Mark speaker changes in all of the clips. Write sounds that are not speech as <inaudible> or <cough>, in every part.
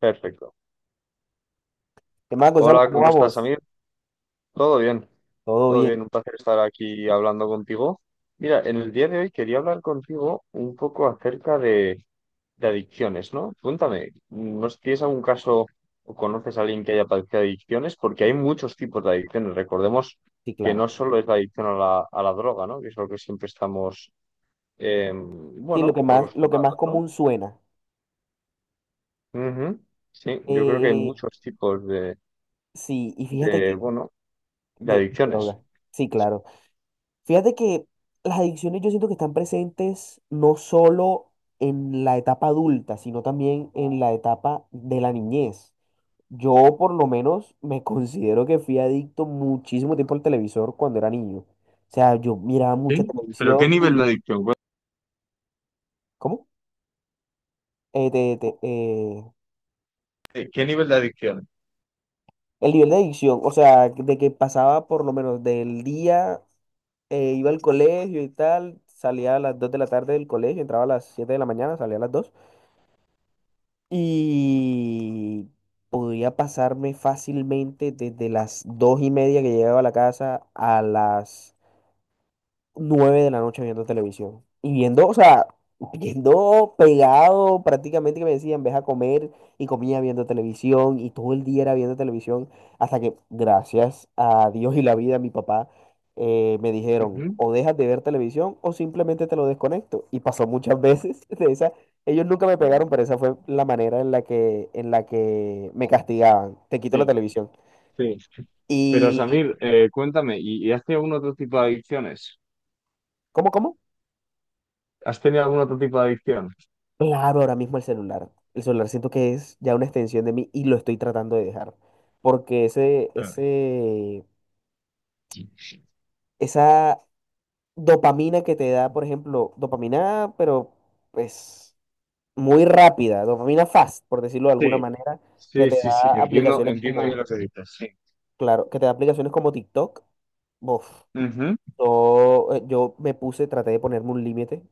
Speaker 1: Perfecto.
Speaker 2: ¿Qué más, Gonzalo?
Speaker 1: Hola,
Speaker 2: ¿Cómo
Speaker 1: ¿cómo estás,
Speaker 2: vamos?
Speaker 1: Amir? Todo bien,
Speaker 2: Todo
Speaker 1: todo
Speaker 2: bien,
Speaker 1: bien. Un placer estar aquí hablando contigo. Mira, en el día de hoy quería hablar contigo un poco acerca de adicciones, ¿no? Cuéntame, ¿no sé si tienes algún caso o conoces a alguien que haya padecido adicciones? Porque hay muchos tipos de adicciones. Recordemos
Speaker 2: sí,
Speaker 1: que
Speaker 2: claro.
Speaker 1: no solo es la adicción a la droga, ¿no? Que es lo que siempre estamos,
Speaker 2: Sí, lo
Speaker 1: bueno,
Speaker 2: que más, lo que más
Speaker 1: acostumbrados, ¿no?
Speaker 2: común suena.
Speaker 1: Ujú. Sí, yo creo que hay
Speaker 2: Eh,
Speaker 1: muchos tipos
Speaker 2: sí, y fíjate que...
Speaker 1: bueno, de
Speaker 2: De
Speaker 1: adicciones.
Speaker 2: droga. Sí, claro. Fíjate que las adicciones yo siento que están presentes no solo en la etapa adulta, sino también en la etapa de la niñez. Yo por lo menos me <laughs> considero que fui adicto muchísimo tiempo al televisor cuando era niño. O sea, yo miraba mucha
Speaker 1: Sí, pero ¿qué
Speaker 2: televisión
Speaker 1: nivel de
Speaker 2: y...
Speaker 1: adicción?
Speaker 2: ¿Cómo? Eh, te- te- eh,
Speaker 1: Cuéntame, ¿qué nivel de adicción?
Speaker 2: El nivel de adicción, o sea, de que pasaba por lo menos del día, iba al colegio y tal, salía a las 2 de la tarde del colegio, entraba a las 7 de la mañana, salía a las 2 y podía pasarme fácilmente desde las 2 y media que llegaba a la casa a las 9 de la noche viendo televisión. Y viendo, o sea, viendo pegado prácticamente que me decían, ves a comer y comía viendo televisión y todo el día era viendo televisión hasta que, gracias a Dios y la vida, mi papá me dijeron,
Speaker 1: Ujú.
Speaker 2: o dejas de ver televisión o simplemente te lo desconecto. Y pasó muchas veces <laughs> de esa. Ellos nunca me pegaron, pero esa fue la manera en la que me castigaban. Te quito la
Speaker 1: Sí,
Speaker 2: televisión.
Speaker 1: sí. Pero
Speaker 2: ¿Y
Speaker 1: Samir, cuéntame, ¿y has tenido algún otro tipo de adicciones?
Speaker 2: cómo?
Speaker 1: ¿Has tenido algún otro tipo de adicción?
Speaker 2: Claro, ahora mismo el celular. El celular siento que es ya una extensión de mí y lo estoy tratando de dejar. Porque ese,
Speaker 1: Ah,
Speaker 2: ese, esa dopamina que te da, por ejemplo, dopamina, pero pues muy rápida, dopamina fast, por decirlo de alguna
Speaker 1: sí,
Speaker 2: manera, que
Speaker 1: sí,
Speaker 2: te
Speaker 1: sí, sí.
Speaker 2: da
Speaker 1: Entiendo,
Speaker 2: aplicaciones
Speaker 1: entiendo bien lo
Speaker 2: como,
Speaker 1: que dices. Sí.
Speaker 2: claro, que te da aplicaciones como TikTok. Bof.
Speaker 1: Ujú.
Speaker 2: Yo me puse, traté de ponerme un límite.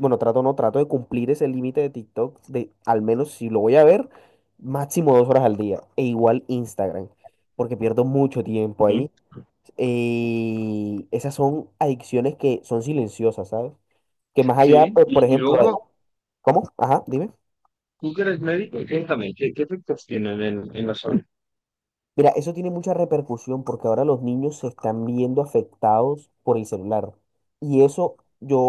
Speaker 2: Bueno, trato no, trato de cumplir ese límite de TikTok, de al menos si lo voy a ver, máximo 2 horas al día. E igual Instagram, porque pierdo mucho tiempo
Speaker 1: Sí.
Speaker 2: ahí. Esas son adicciones que son silenciosas, ¿sabes? Que más allá,
Speaker 1: Sí.
Speaker 2: pues, por
Speaker 1: Y
Speaker 2: ejemplo,
Speaker 1: luego,
Speaker 2: ¿cómo? Ajá, dime.
Speaker 1: tú que eres médico, cuéntame, ¿qué efectos tienen en la salud?
Speaker 2: Mira, eso tiene mucha repercusión porque ahora los niños se están viendo afectados por el celular. Y eso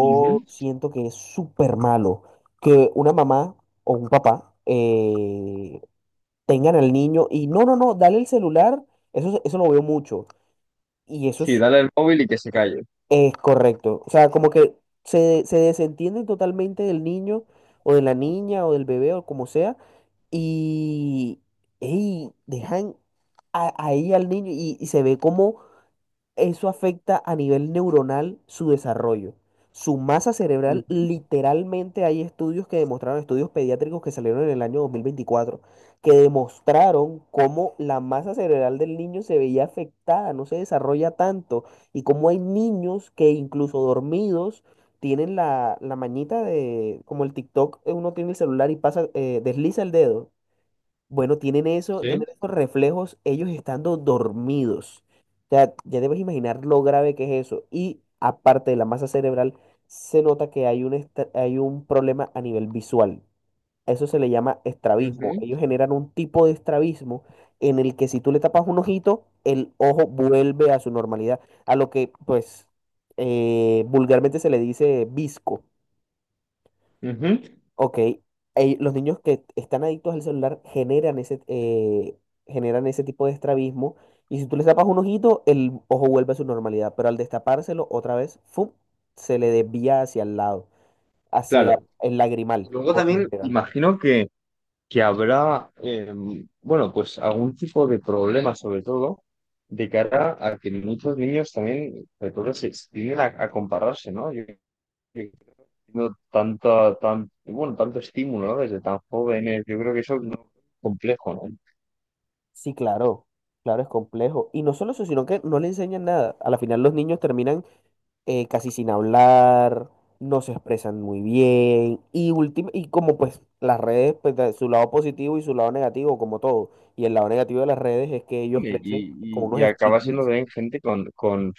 Speaker 1: Ujú.
Speaker 2: siento que es súper malo. Que una mamá o un papá tengan al niño y no, no, no, dale el celular. Eso lo veo mucho. Y eso
Speaker 1: Sí,
Speaker 2: es,
Speaker 1: dale el móvil y que se calle.
Speaker 2: es correcto. O sea, como que se desentienden totalmente del niño o de la niña o del bebé o como sea. Y, ey, dejan ahí al niño y se ve como... Eso afecta a nivel neuronal su desarrollo. Su masa cerebral,
Speaker 1: Ujú.
Speaker 2: literalmente hay estudios que demostraron, estudios pediátricos que salieron en el año 2024 que demostraron cómo la masa cerebral del niño se veía afectada, no se desarrolla tanto, y cómo hay niños que incluso dormidos tienen la mañita de, como el TikTok, uno tiene el celular y pasa, desliza el dedo, bueno, tienen eso,
Speaker 1: Sí.
Speaker 2: tienen esos reflejos ellos estando dormidos. O sea, ya debes imaginar lo grave que es eso. Y aparte de la masa cerebral, se nota que hay un problema a nivel visual. A eso se le llama estrabismo.
Speaker 1: Ujú.
Speaker 2: Ellos generan un tipo de estrabismo en el que si tú le tapas un ojito, el ojo vuelve a su normalidad, a lo que pues vulgarmente se le dice visco.
Speaker 1: Ujú.
Speaker 2: Ok, los niños que están adictos al celular generan ese tipo de estrabismo y si tú les tapas un ojito, el ojo vuelve a su normalidad, pero al destapárselo otra vez, ¡fum! Se le desvía hacia el lado, hacia
Speaker 1: Claro.
Speaker 2: el lagrimal,
Speaker 1: Luego
Speaker 2: por lo
Speaker 1: también
Speaker 2: general.
Speaker 1: imagino que habrá, bueno, pues algún tipo de problema, sobre todo, de cara a que muchos niños también, sobre todo, se tienden a compararse, ¿no? Yo tengo tanta, tan, bueno, tanto estímulo, ¿no? Desde tan jóvenes, yo creo que eso es muy complejo, ¿no?
Speaker 2: Sí, claro, claro, es complejo. Y no solo eso, sino que no le enseñan nada. A la final los niños terminan casi sin hablar, no se expresan muy bien y, y como pues las redes, pues de su lado positivo y su lado negativo, como todo. Y el lado negativo de las redes es que ellos
Speaker 1: Y,
Speaker 2: crecen con
Speaker 1: y,
Speaker 2: unos
Speaker 1: y acaba siendo
Speaker 2: estigmas.
Speaker 1: también gente con, con,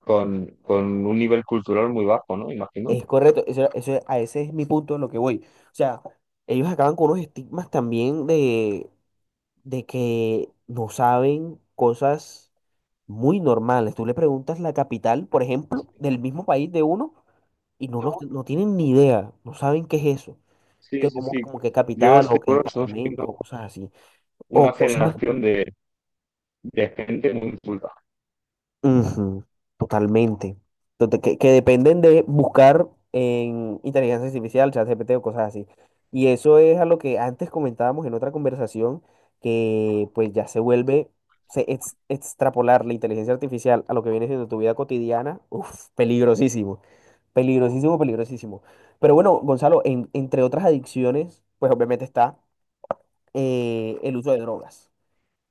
Speaker 1: con, con un nivel cultural muy bajo, ¿no? Imagino.
Speaker 2: Es correcto, a ese es mi punto de lo que voy. O sea, ellos acaban con unos estigmas también de que no saben cosas muy normales. Tú le preguntas la capital, por ejemplo, del mismo país de uno y no, los- no tienen ni idea, no saben qué es eso.
Speaker 1: Sí,
Speaker 2: Que
Speaker 1: sí,
Speaker 2: como,
Speaker 1: sí.
Speaker 2: como que
Speaker 1: Yo
Speaker 2: capital o
Speaker 1: estoy
Speaker 2: que
Speaker 1: seguro que estamos viendo
Speaker 2: departamentos o cosas así. O
Speaker 1: una
Speaker 2: cosas
Speaker 1: generación de gente muy culta.
Speaker 2: ujú, totalmente. Entonces, que dependen de buscar en inteligencia artificial, ChatGPT o cosas así. Y eso es a lo que antes comentábamos en otra conversación, que pues ya se vuelve, extrapolar la inteligencia artificial a lo que viene siendo tu vida cotidiana, uf, peligrosísimo. Peligrosísimo, peligrosísimo. Pero bueno, Gonzalo, entre otras adicciones, pues obviamente está el uso de drogas.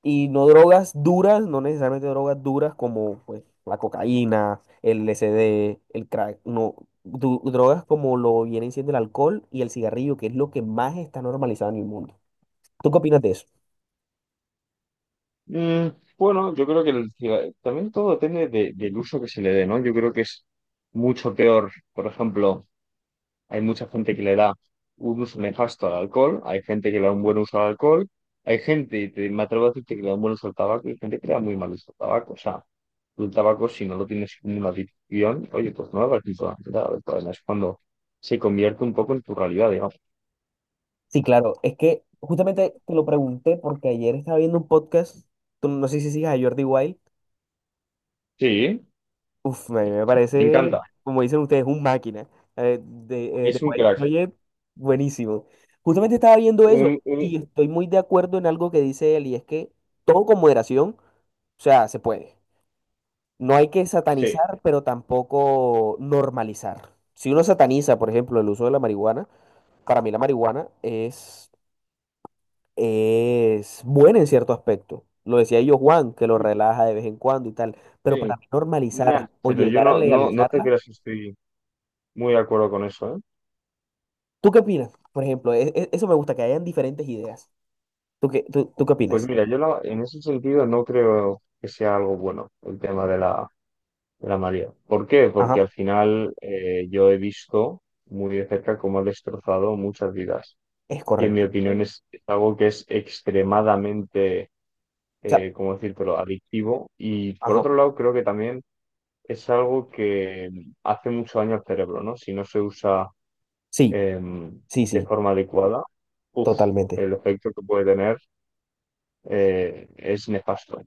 Speaker 2: Y no drogas duras, no necesariamente drogas duras como pues, la cocaína, el LSD, el crack, no, drogas como lo vienen siendo el alcohol y el cigarrillo, que es lo que más está normalizado en el mundo. ¿Tú qué opinas de eso?
Speaker 1: Mm, bueno, yo creo que el ciga- también todo depende de- del uso que se le dé, ¿no? Yo creo que es mucho peor. Por ejemplo, hay mucha gente que le da un uso nefasto al alcohol, hay gente que le da un buen uso al alcohol, hay gente, y te- me atrevo a decirte que le da un buen uso al tabaco, y hay gente que le da muy mal uso al tabaco. O sea, el tabaco, si no lo tienes como una adicción, oye, pues no lo vas importante. Toda la... Es cuando se convierte un poco en tu realidad, digamos.
Speaker 2: Sí, claro, es que justamente te lo pregunté porque ayer estaba viendo un podcast, tú no sé si sigas a Jordi Wild.
Speaker 1: Sí,
Speaker 2: Uf, a mí me
Speaker 1: me encanta.
Speaker 2: parece, como dicen ustedes, un máquina, eh, de, eh,
Speaker 1: Es
Speaker 2: de
Speaker 1: un
Speaker 2: Wild
Speaker 1: crack.
Speaker 2: Project, buenísimo. Justamente estaba viendo eso
Speaker 1: Un, un,
Speaker 2: y estoy muy de acuerdo en algo que dice él y es que todo con moderación, o sea, se puede. No hay que
Speaker 1: sí.
Speaker 2: satanizar, pero tampoco normalizar. Si uno sataniza, por ejemplo, el uso de la marihuana, para mí la marihuana es buena en cierto aspecto. Lo decía yo, Juan, que lo relaja de vez en cuando y tal, pero para
Speaker 1: Sí,
Speaker 2: mí
Speaker 1: nah,
Speaker 2: normalizarla o
Speaker 1: pero yo
Speaker 2: llegar a
Speaker 1: no, no, no te
Speaker 2: legalizarla.
Speaker 1: creas que estoy muy de acuerdo con eso, ¿eh?
Speaker 2: ¿Tú qué opinas? Por ejemplo, eso me gusta, que hayan diferentes ideas. ¿Tú qué
Speaker 1: Pues
Speaker 2: opinas?
Speaker 1: mira, yo no, en ese sentido no creo que sea algo bueno el tema de de la María. ¿Por qué?
Speaker 2: Ajá,
Speaker 1: Porque al final yo he visto muy de cerca cómo ha destrozado muchas vidas.
Speaker 2: es
Speaker 1: Y en mi
Speaker 2: correcto. O
Speaker 1: opinión sí. Es algo que es extremadamente,
Speaker 2: sea,
Speaker 1: ¿cómo decírtelo?, adictivo. Y por
Speaker 2: ajá,
Speaker 1: otro lado, creo que también es algo que hace mucho daño al cerebro, ¿no? Si no se usa
Speaker 2: sí,
Speaker 1: eh,
Speaker 2: sí,
Speaker 1: de
Speaker 2: sí,
Speaker 1: forma adecuada, uf,
Speaker 2: totalmente,
Speaker 1: el efecto que puede tener es nefasto.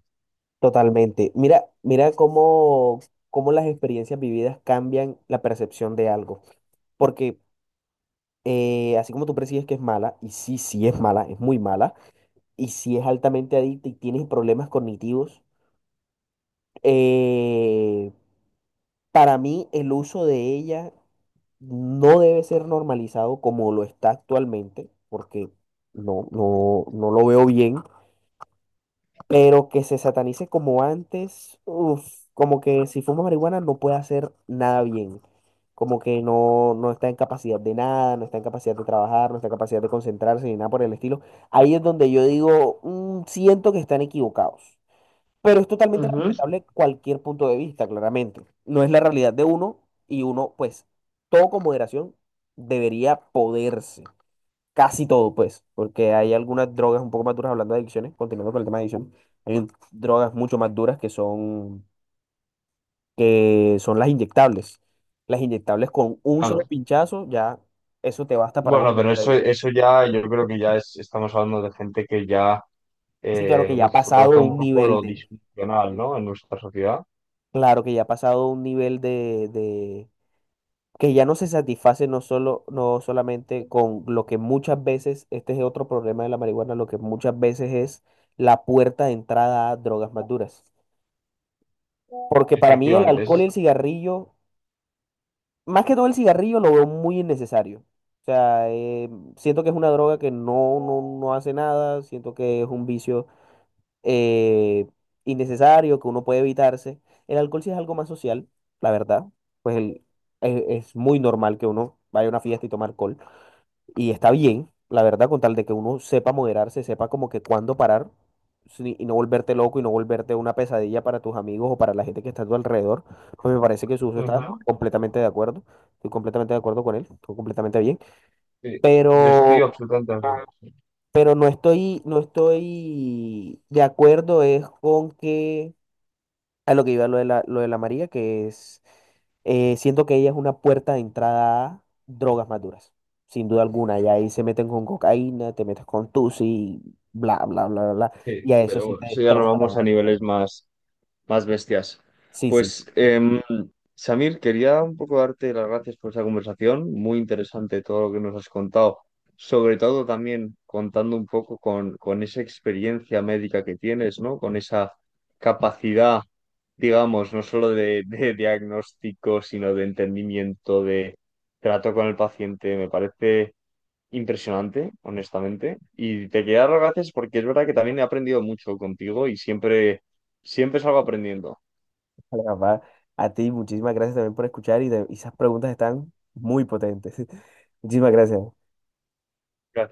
Speaker 2: totalmente. Mira, mira cómo las experiencias vividas cambian la percepción de algo. Porque así como tú percibes que es mala, y sí, sí es mala, es muy mala, y si es altamente adicta y tienes problemas cognitivos, eh, para mí el uso de ella no debe ser normalizado como lo está actualmente, porque no, no, no lo veo bien, pero que se satanice como antes, uf, como que si fuma marihuana no puede hacer nada bien, como que no, no está en capacidad de nada, no está en capacidad de trabajar, no está en capacidad de concentrarse ni nada por el estilo. Ahí es donde yo digo: "Mm, siento que están equivocados". Pero es totalmente
Speaker 1: Ujú.
Speaker 2: respetable cualquier punto de vista, claramente. No es la realidad de uno y uno, pues, todo con moderación debería poderse. Casi todo, pues, porque hay algunas drogas un poco más duras, hablando de adicciones, continuando con el tema de adicción, hay drogas mucho más duras que son las inyectables. Las inyectables con un solo
Speaker 1: Claro.
Speaker 2: pinchazo, ya eso te basta para
Speaker 1: Bueno, pero
Speaker 2: volverte
Speaker 1: eso,
Speaker 2: adicto.
Speaker 1: eso ya, yo creo que ya es- estamos hablando de gente que ya
Speaker 2: Sí, claro que ya ha
Speaker 1: uf, roza
Speaker 2: pasado
Speaker 1: un
Speaker 2: un
Speaker 1: poco
Speaker 2: nivel
Speaker 1: lo
Speaker 2: de,
Speaker 1: disfuncional, ¿no? En nuestra sociedad.
Speaker 2: claro que ya ha pasado un nivel de, que ya no se satisface no solo, no solamente con lo que muchas veces, este es otro problema de la marihuana, lo que muchas veces es la puerta de entrada a drogas más duras. Porque para mí el
Speaker 1: Efectivamente,
Speaker 2: alcohol y
Speaker 1: es...
Speaker 2: el cigarrillo, más que todo el cigarrillo, lo veo muy innecesario. O sea, siento que es una droga que no, no, no hace nada, siento que es un vicio eh, innecesario, que uno puede evitarse. El alcohol sí es algo más social, la verdad. Pues es muy normal que uno vaya a una fiesta y tome alcohol. Y está bien, la verdad, con tal de que uno sepa moderarse, sepa como que cuándo parar y no volverte loco y no volverte una pesadilla para tus amigos o para la gente que está a tu alrededor, pues me parece que su uso está
Speaker 1: Ujú.
Speaker 2: completamente de acuerdo. Estoy completamente de acuerdo con él, estoy completamente bien.
Speaker 1: Sí, yo estoy
Speaker 2: Pero,
Speaker 1: absolutamente de acuerdo.
Speaker 2: pero no estoy de acuerdo es con que a lo que iba lo de la María, que es, siento que ella es una puerta de entrada a drogas más duras, sin duda alguna. Y ahí se meten con cocaína, te metes con tusi, bla, bla, bla, bla, bla.
Speaker 1: Sí,
Speaker 2: Y a eso
Speaker 1: pero
Speaker 2: sí
Speaker 1: bueno,
Speaker 2: te
Speaker 1: eso ya nos
Speaker 2: destroza la
Speaker 1: vamos a
Speaker 2: vida por
Speaker 1: niveles
Speaker 2: completo.
Speaker 1: más. Más bestias.
Speaker 2: Sí, sí.
Speaker 1: Pues, Samir, quería un poco darte las gracias por esa conversación, muy interesante todo lo que nos has contado, sobre todo también contando un poco con esa experiencia médica que tienes, ¿no? Con esa capacidad, digamos, no solo de diagnóstico, sino de entendimiento, de trato con el paciente. Me parece impresionante, honestamente. Y te quería dar las gracias porque es verdad que también he aprendido mucho contigo y siempre, siempre salgo aprendiendo.
Speaker 2: <laughs> Vale, papá, a ti muchísimas gracias también por escuchar y, y esas preguntas están muy potentes. <laughs> Muchísimas gracias.
Speaker 1: Gracias.